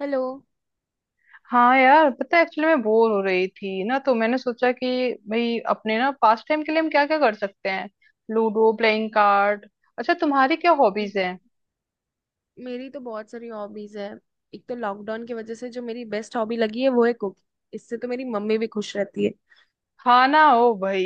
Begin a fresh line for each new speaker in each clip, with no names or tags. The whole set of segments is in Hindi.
हेलो।
हाँ यार, पता है एक्चुअली मैं बोर हो रही थी ना, तो मैंने सोचा कि भाई अपने ना पास टाइम के लिए हम क्या क्या कर सकते हैं। Ludo, playing card. अच्छा, तुम्हारी क्या हॉबीज हैं?
मेरी तो बहुत सारी हॉबीज है। एक तो लॉकडाउन की वजह से जो मेरी बेस्ट हॉबी लगी है वो है कुकिंग। इससे तो मेरी मम्मी भी खुश रहती है।
खाना हो भाई।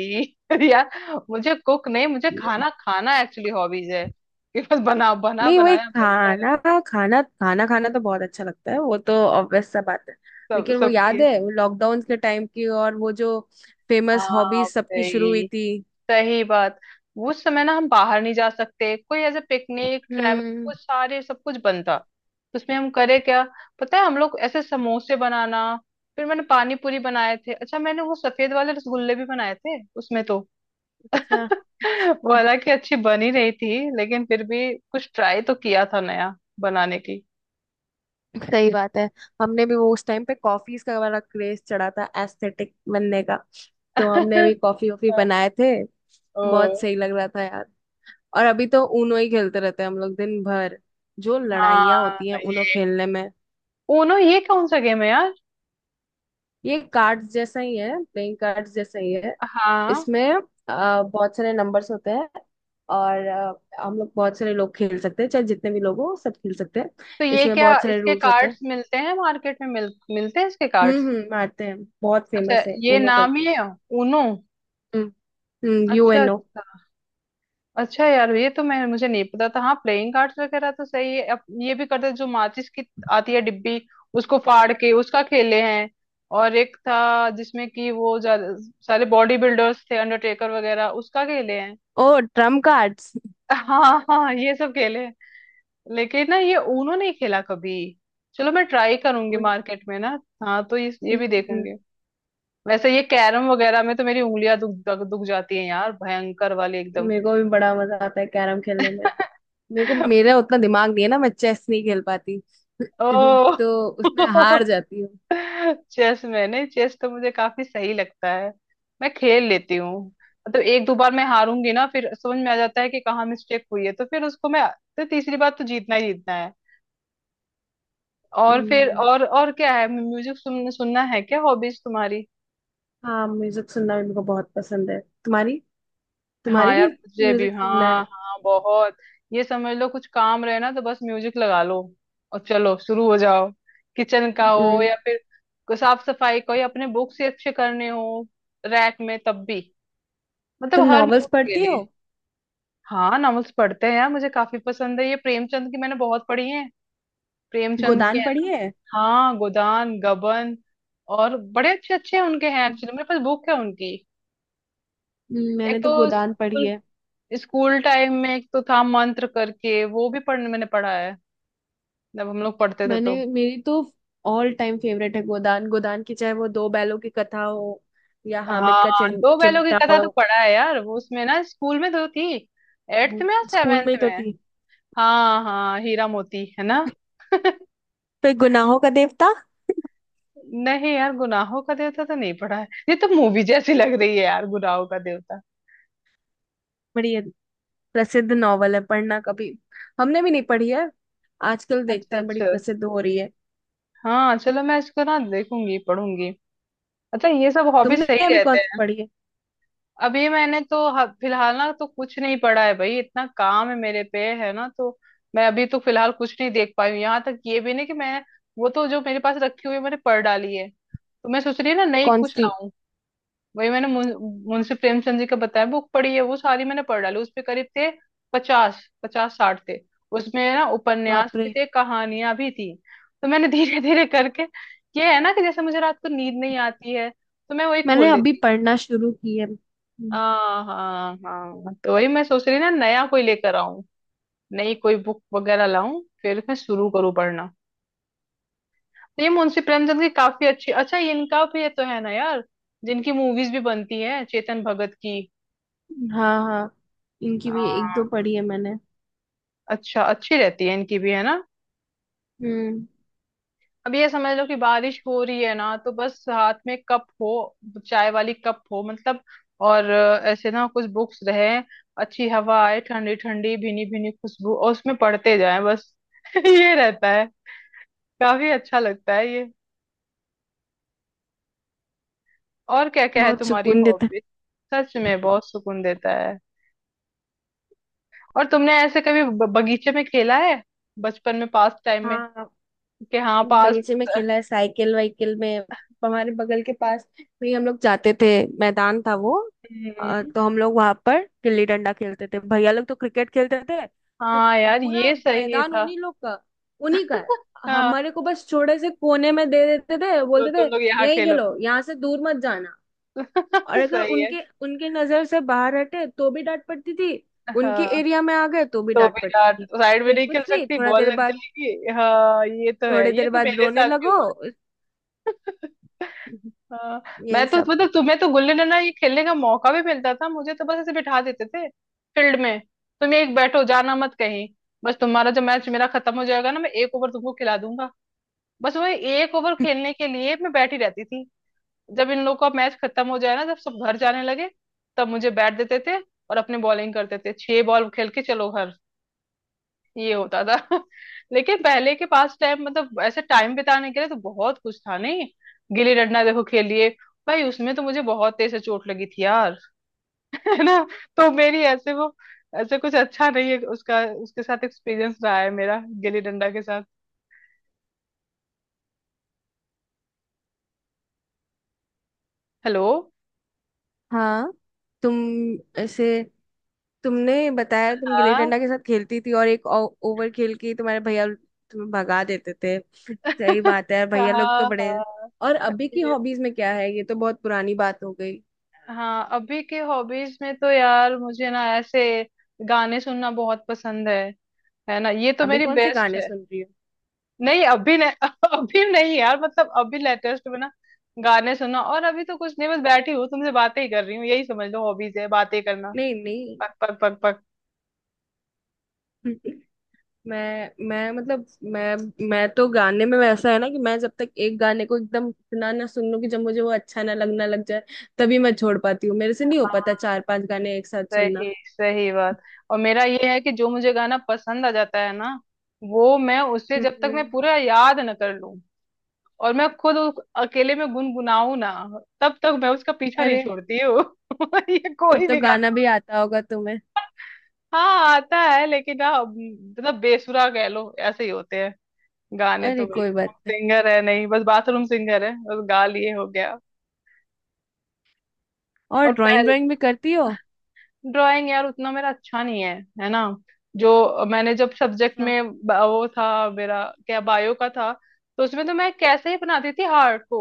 यार, मुझे कुक नहीं, मुझे खाना खाना एक्चुअली हॉबीज है, कि बस बना बना
नहीं, वो एक
बनाया बनता रहे।
खाना, खाना खाना तो बहुत अच्छा लगता है। वो तो ऑब्वियस सा बात है।
सब
लेकिन वो
सबकी
याद
है।
है वो लॉकडाउन के टाइम की और वो जो फेमस
हाँ
हॉबीज सबकी शुरू हुई
भाई,
थी।
सही बात। उस समय ना हम बाहर नहीं जा सकते, कोई ऐसे पिकनिक ट्रैवल,
हम्म।
वो सारे सब कुछ बंद था, तो उसमें हम करे क्या? पता है, हम लोग ऐसे समोसे बनाना, फिर मैंने पानी पूरी बनाए थे। अच्छा, मैंने वो सफेद वाले रसगुल्ले भी बनाए थे उसमें तो।
अच्छा।
वो हालांकि अच्छी बन ही रही थी, लेकिन फिर भी कुछ ट्राई तो किया था नया बनाने की।
सही बात है। हमने भी वो उस टाइम पे कॉफीज का वाला क्रेज चढ़ा था, एस्थेटिक बनने का। तो हमने भी कॉफी वॉफी बनाए थे।
ओ
बहुत सही लग रहा था यार। और अभी तो ऊनो ही खेलते रहते हैं हम लोग दिन भर। जो लड़ाइयाँ
हाँ,
होती हैं ऊनो
ये
खेलने में।
ऊनो ये कौन सा गेम है यार?
ये कार्ड्स जैसा ही है, प्लेइंग कार्ड्स जैसा ही है।
हाँ
इसमें बहुत सारे नंबर्स होते हैं। और हम लोग बहुत सारे लोग खेल सकते हैं, चाहे जितने भी लोग हो सब खेल सकते हैं।
तो ये
इसमें
क्या,
बहुत सारे
इसके
रूल्स होते
कार्ड्स
हैं।
मिलते हैं मार्केट में, मिलते हैं इसके कार्ड्स?
हम्म, मारते हैं। बहुत
अच्छा,
फेमस है
ये
ऊनो
नाम ही
करके।
है, ऊनो?
हम्म,
अच्छा
यूएनओ।
अच्छा अच्छा यार, ये तो मैं मुझे नहीं पता था। हाँ प्लेइंग कार्ड्स वगैरह तो सही है, अब ये भी करते हैं, जो माचिस की आती है डिब्बी, उसको फाड़ के उसका खेले हैं। और एक था जिसमें कि वो सारे बॉडी बिल्डर्स थे, अंडरटेकर वगैरह, उसका खेले हैं।
ओ, ट्रम्प कार्ड्स।
हाँ हाँ ये सब खेले हैं। लेकिन ना ये ऊनो नहीं खेला कभी। चलो मैं ट्राई करूंगी
उन।
मार्केट में ना। हाँ तो ये भी
हम्म,
देखूंगी। वैसे ये कैरम वगैरह में तो मेरी उंगलियां दुख दुख दुख जाती हैं यार, भयंकर वाली एकदम।
मेरे को भी बड़ा मजा आता है कैरम खेलने में। मेरे को मेरा उतना दिमाग नहीं है ना, मैं चेस नहीं खेल पाती।
ओ,
तो उसमें हार जाती हूँ।
चेस में नहीं, चेस तो मुझे काफी सही लगता है, मैं खेल लेती हूँ। मतलब एक दो बार मैं हारूंगी ना, फिर समझ में आ जाता है कि कहाँ मिस्टेक हुई है, तो फिर उसको मैं तो तीसरी बार तो जीतना ही जीतना है। और फिर
हम्म।
और क्या है, म्यूजिक सुनना है, क्या हॉबीज तुम्हारी?
हाँ, म्यूजिक सुनना भी मेरे को बहुत पसंद है। तुम्हारी,
हाँ
तुम्हारी
यार,
भी
मुझे भी,
म्यूजिक सुनना
हाँ
है।
हाँ बहुत। ये समझ लो, कुछ काम रहे ना, तो बस म्यूजिक लगा लो और चलो शुरू हो जाओ। किचन का हो
हम्म।
या फिर साफ सफाई का हो, या अपने बुक्स ही अच्छे करने हो रैक में, तब भी।
तुम
मतलब हर
नॉवेल्स
मूड के
पढ़ती हो।
लिए। हाँ, नॉवेल्स पढ़ते हैं यार, मुझे काफी पसंद है, ये प्रेमचंद की मैंने बहुत पढ़ी है। प्रेमचंद की
गोदान
है
पढ़ी
ना।
है।
हाँ, गोदान, गबन, और बड़े अच्छे अच्छे उनके हैं एक्चुअली, मेरे पास बुक है उनकी। एक
मैंने तो
तो
गोदान पढ़ी
स्कूल
है।
स्कूल टाइम में एक तो था मंत्र करके, वो भी पढ़ मैंने पढ़ा है, जब हम लोग पढ़ते थे तो।
मैंने, मेरी तो ऑल टाइम फेवरेट है गोदान। गोदान की चाहे वो दो बैलों की कथा हो या हामिद
हाँ,
का
दो बैलों की
चिमटा
कथा
हो।
तो पढ़ा है यार, वो उसमें ना, स्कूल में तो थी, एट्थ में या
स्कूल
सेवेंथ
में ही तो
में।
थी।
हाँ हाँ, हीरा मोती है ना।
फिर गुनाहों का देवता।
नहीं यार, गुनाहों का देवता तो नहीं पढ़ा है, ये तो मूवी जैसी लग रही है यार, गुनाहों का देवता।
बड़ी प्रसिद्ध नॉवल है, पढ़ना कभी। हमने भी नहीं पढ़ी है। आजकल देखते
अच्छा
हैं बड़ी
अच्छा।
प्रसिद्ध हो रही है।
हाँ चलो मैं इसको ना देखूंगी, पढ़ूंगी। अच्छा, ये सब हॉबीज
तुमने
सही
अभी कौन
रहते
सी
हैं।
पढ़ी है?
अभी मैंने तो फिलहाल ना तो कुछ नहीं पढ़ा है भाई, इतना काम है मेरे पे है ना तो। मैं अभी तो फिलहाल कुछ नहीं देख पाई हूँ, यहाँ तक ये भी नहीं कि मैं, वो तो जो मेरे पास रखी हुई है मैंने पढ़ डाली है, तो मैं सोच रही हूँ ना नई
कौन
कुछ
सी?
लाऊं। वही मैंने मुंशी प्रेमचंद जी का बताया बुक पढ़ी है, वो सारी मैंने पढ़ डाली, उसपे करीब थे पचास पचास साठ थे। उसमें ना उपन्यास
बाप
भी
रे।
थे, कहानियां भी थी। तो मैंने धीरे धीरे करके। ये है ना कि जैसे मुझे रात को नींद नहीं आती है, तो मैं वही खोल
मैंने अभी
लेती हूँ।
पढ़ना शुरू की है। हम्म।
हाँ हाँ हाँ, तो वही मैं सोच रही ना नया कोई लेकर आऊं, नई कोई बुक वगैरह लाऊं, फिर मैं शुरू करूँ पढ़ना। तो ये मुंशी प्रेमचंद की काफी अच्छी। अच्छा, ये इनका भी ये तो है ना यार, जिनकी मूवीज भी बनती है, चेतन भगत की।
हाँ हाँ, इनकी भी एक दो
हाँ,
पढ़ी है मैंने।
अच्छा, अच्छी रहती है इनकी भी, है ना।
हम्म।
अब ये समझ लो कि बारिश हो रही है ना, तो बस हाथ में कप हो, चाय वाली कप हो मतलब, और ऐसे ना कुछ बुक्स रहे, अच्छी हवा आए, ठंडी ठंडी भीनी भीनी खुशबू, और उसमें पढ़ते जाए बस। ये रहता, काफी अच्छा लगता है ये। और क्या क्या है
बहुत
तुम्हारी
सुकून देता है।
हॉबी? सच में बहुत सुकून देता है। और तुमने ऐसे कभी बगीचे में खेला है, बचपन में पास टाइम में,
हाँ,
कि हाँ पास?
बगीचे में खेला है, साइकिल वाइकिल में। हमारे बगल के पास में ही हम लोग जाते थे। मैदान था वो।
हम्म।
तो हम लोग वहां पर गिल्ली डंडा खेलते थे, भैया लोग तो क्रिकेट खेलते थे। तो
हाँ यार,
पूरा
ये सही
मैदान
था।
उन्हीं लोग का, उन्हीं का है।
हाँ,
हमारे को बस छोटे से कोने में दे देते थे,
तो
बोलते थे
तुम लोग यहाँ
यही
खेलो।
खेलो, यहाँ से दूर मत जाना। और अगर
सही है।
उनके उनके नजर से बाहर हटे तो भी डांट पड़ती थी, उनके
हाँ,
एरिया में आ गए तो भी
तो
डांट
भी
पड़ती
यार
थी।
साइड में
फिर
नहीं
कुछ
खेल
नहीं,
सकती,
थोड़ा
बॉल
देर
लग
बाद
जाएगी। हाँ, ये तो है,
थोड़ी
ये
देर
तो
बाद
मेरे
रोने
साथ भी
लगो।
हुआ। हाँ। मैं
यही
तो
सब।
मतलब तुम्हें तो गुल्ली डंडा ये खेलने का मौका भी मिलता था, मुझे तो बस ऐसे बिठा देते थे फील्ड में, तुम एक बैठो जाना मत कहीं, बस तुम्हारा जब मैच मेरा खत्म हो जाएगा ना, मैं 1 ओवर तुमको खिला दूंगा। बस वही 1 ओवर खेलने के लिए मैं बैठी रहती थी, जब इन लोग का मैच खत्म हो जाए ना, जब सब घर जाने लगे, तब मुझे बैठ देते थे और अपने बॉलिंग करते थे, 6 बॉल खेल के चलो घर। ये होता था। लेकिन पहले के पास टाइम, मतलब ऐसे टाइम बिताने के लिए तो बहुत कुछ था नहीं, गिल्ली डंडा देखो खेलिए। भाई उसमें तो मुझे बहुत तेज से चोट लगी थी यार। है ना, तो मेरी ऐसे वो, ऐसे कुछ अच्छा नहीं है उसका, उसके साथ एक्सपीरियंस रहा है मेरा गिल्ली डंडा के साथ। हेलो।
हाँ। तुम, ऐसे तुमने बताया तुम गिल्ली
हाँ।
डंडा के साथ खेलती थी और एक ओवर खेल के ही तुम्हारे भैया तुम्हें भगा देते थे। सही बात है यार, भैया लोग तो
हाँ
बड़े।
हाँ,
और अभी की
ये-
हॉबीज में क्या है? ये तो बहुत पुरानी बात हो गई।
हाँ, अभी के हॉबीज में तो यार मुझे ना ऐसे गाने सुनना बहुत पसंद है ना, ये तो
अभी
मेरी
कौन से
बेस्ट
गाने
है।
सुन रही हो?
नहीं अभी नहीं। अभी नहीं यार, मतलब अभी लेटेस्ट में ना गाने सुना, और अभी तो कुछ नहीं, बस बैठी हूँ तुमसे बातें ही कर रही हूँ, यही समझ लो हॉबीज है, बातें करना,
नहीं नहीं।
पक पक पक पक।
मैं मतलब, मैं मैं तो गाने में वैसा है ना कि मैं जब तक एक गाने को एकदम इतना ना सुन लूं कि जब मुझे वो अच्छा ना लगना लग जाए, तभी मैं छोड़ पाती हूँ। मेरे से नहीं हो पाता
हाँ
चार पांच गाने एक साथ सुनना।
सही, सही बात। और मेरा ये है कि जो मुझे गाना पसंद आ जाता है ना, वो मैं उसे जब तक
हम्म।
मैं पूरा याद न कर लूं, और मैं खुद उस अकेले में गुनगुनाऊं ना, तब तक मैं उसका पीछा नहीं
अरे,
छोड़ती हूँ। ये
तब
कोई
तो
भी
गाना
गाना।
भी आता होगा तुम्हें।
हाँ आता है, लेकिन ना मतलब बेसुरा कह लो, ऐसे ही होते हैं गाने तो
अरे
भाई,
कोई
हम
बात नहीं।
सिंगर है नहीं, बस बाथरूम सिंगर है, बस गा लिए हो गया।
और
और
ड्राइंग,
पहले
ड्राइंग भी करती हो?
ड्राइंग यार, उतना मेरा अच्छा नहीं है, है ना। जो मैंने जब सब्जेक्ट
अच्छा।
में वो था मेरा क्या, बायो का था, तो उसमें तो मैं कैसे ही बनाती थी हार्ट को।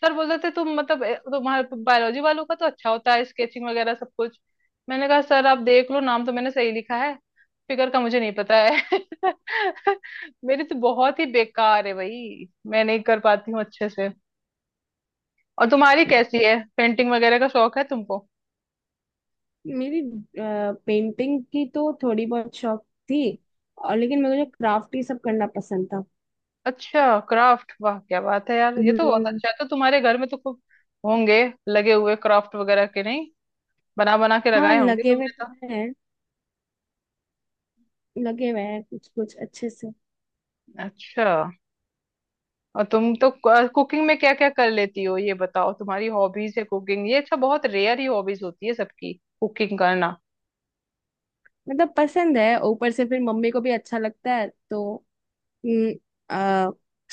सर बोलते थे तुम मतलब तुम्हारे बायोलॉजी वालों का तो अच्छा होता है, स्केचिंग वगैरह सब कुछ। मैंने कहा सर आप देख लो, नाम तो मैंने सही लिखा है, फिगर का मुझे नहीं पता है। मेरी तो बहुत ही बेकार है भाई, मैं नहीं कर पाती हूँ अच्छे से। और तुम्हारी कैसी है, पेंटिंग वगैरह का शौक है तुमको?
मेरी पेंटिंग की तो थोड़ी बहुत शौक थी। और लेकिन
हम्म।
मुझे क्राफ्ट ही सब करना पसंद था।
अच्छा, क्राफ्ट, वाह क्या बात है यार, ये तो बहुत
हम्म।
अच्छा है। तो तुम्हारे घर में तो खूब होंगे लगे हुए क्राफ्ट वगैरह के, नहीं? बना बना के
हाँ,
लगाए होंगे
लगे हुए
तुमने
तो
तो।
है। लगे हुए हैं कुछ कुछ अच्छे से।
अच्छा। और तुम तो कुकिंग में क्या क्या कर लेती हो ये बताओ, तुम्हारी हॉबीज है कुकिंग, ये अच्छा, बहुत रेयर ही हॉबीज होती है सबकी, कुकिंग करना।
मतलब पसंद है, ऊपर से फिर मम्मी को भी अच्छा लगता है तो। हम्म, आ,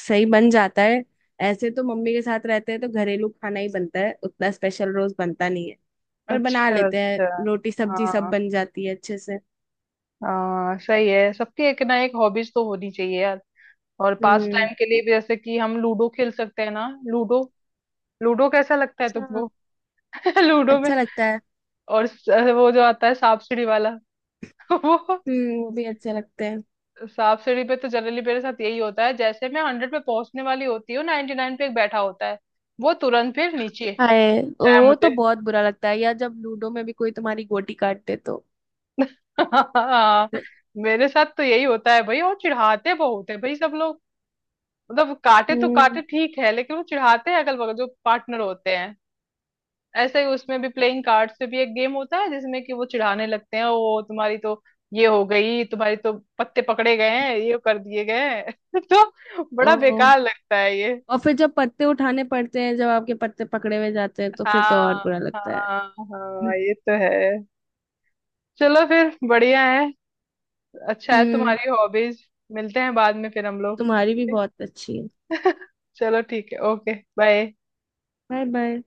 सही बन जाता है। ऐसे तो मम्मी के साथ रहते हैं तो घरेलू खाना ही बनता है, उतना स्पेशल रोज बनता नहीं है। पर बना
अच्छा
लेते हैं।
अच्छा।
रोटी सब्जी सब
हाँ
बन जाती है अच्छे से।
हाँ सही है, सबकी एक ना एक हॉबीज तो होनी चाहिए यार। और पास
हम्म।
टाइम के लिए भी, जैसे कि हम लूडो खेल सकते हैं ना, लूडो। लूडो कैसा लगता है तुमको?
हाँ,
लूडो में।
अच्छा लगता है।
और वो जो आता है, सांप सीढ़ी वाला, वो।
हम्म, वो भी अच्छे लगते हैं।
सांप सीढ़ी पे तो जनरली मेरे साथ यही होता है, जैसे मैं 100 पे पहुंचने वाली होती हूँ, 99 पे एक बैठा होता है वो, तुरंत फिर नीचे
हाय,
लगता है
वो तो
मुझे।
बहुत बुरा लगता है। या जब लूडो में भी कोई तुम्हारी गोटी काट दे तो।
हाँ, मेरे साथ तो यही होता है भाई, और चिढ़ाते बहुत है भाई सब लोग। मतलब काटे तो
हम्म।
काटे ठीक है, लेकिन वो चिढ़ाते हैं अगल बगल जो पार्टनर होते हैं। ऐसा ही उसमें भी प्लेइंग कार्ड्स पे भी एक गेम होता है, जिसमें कि वो चिढ़ाने लगते हैं, वो तुम्हारी तो ये हो गई, तुम्हारी तो पत्ते पकड़े गए हैं, ये कर दिए गए हैं। तो बड़ा
ओ,
बेकार लगता है ये।
और फिर जब पत्ते उठाने पड़ते हैं, जब आपके पत्ते पकड़े हुए जाते हैं, तो फिर तो और
हाँ
बुरा लगता है।
हाँ हाँ, ये तो है। चलो फिर बढ़िया है, अच्छा है
हम्म।
तुम्हारी हॉबीज। मिलते हैं बाद में फिर हम लोग।
तुम्हारी भी बहुत अच्छी है।
चलो ठीक है, ओके बाय।
Bye bye.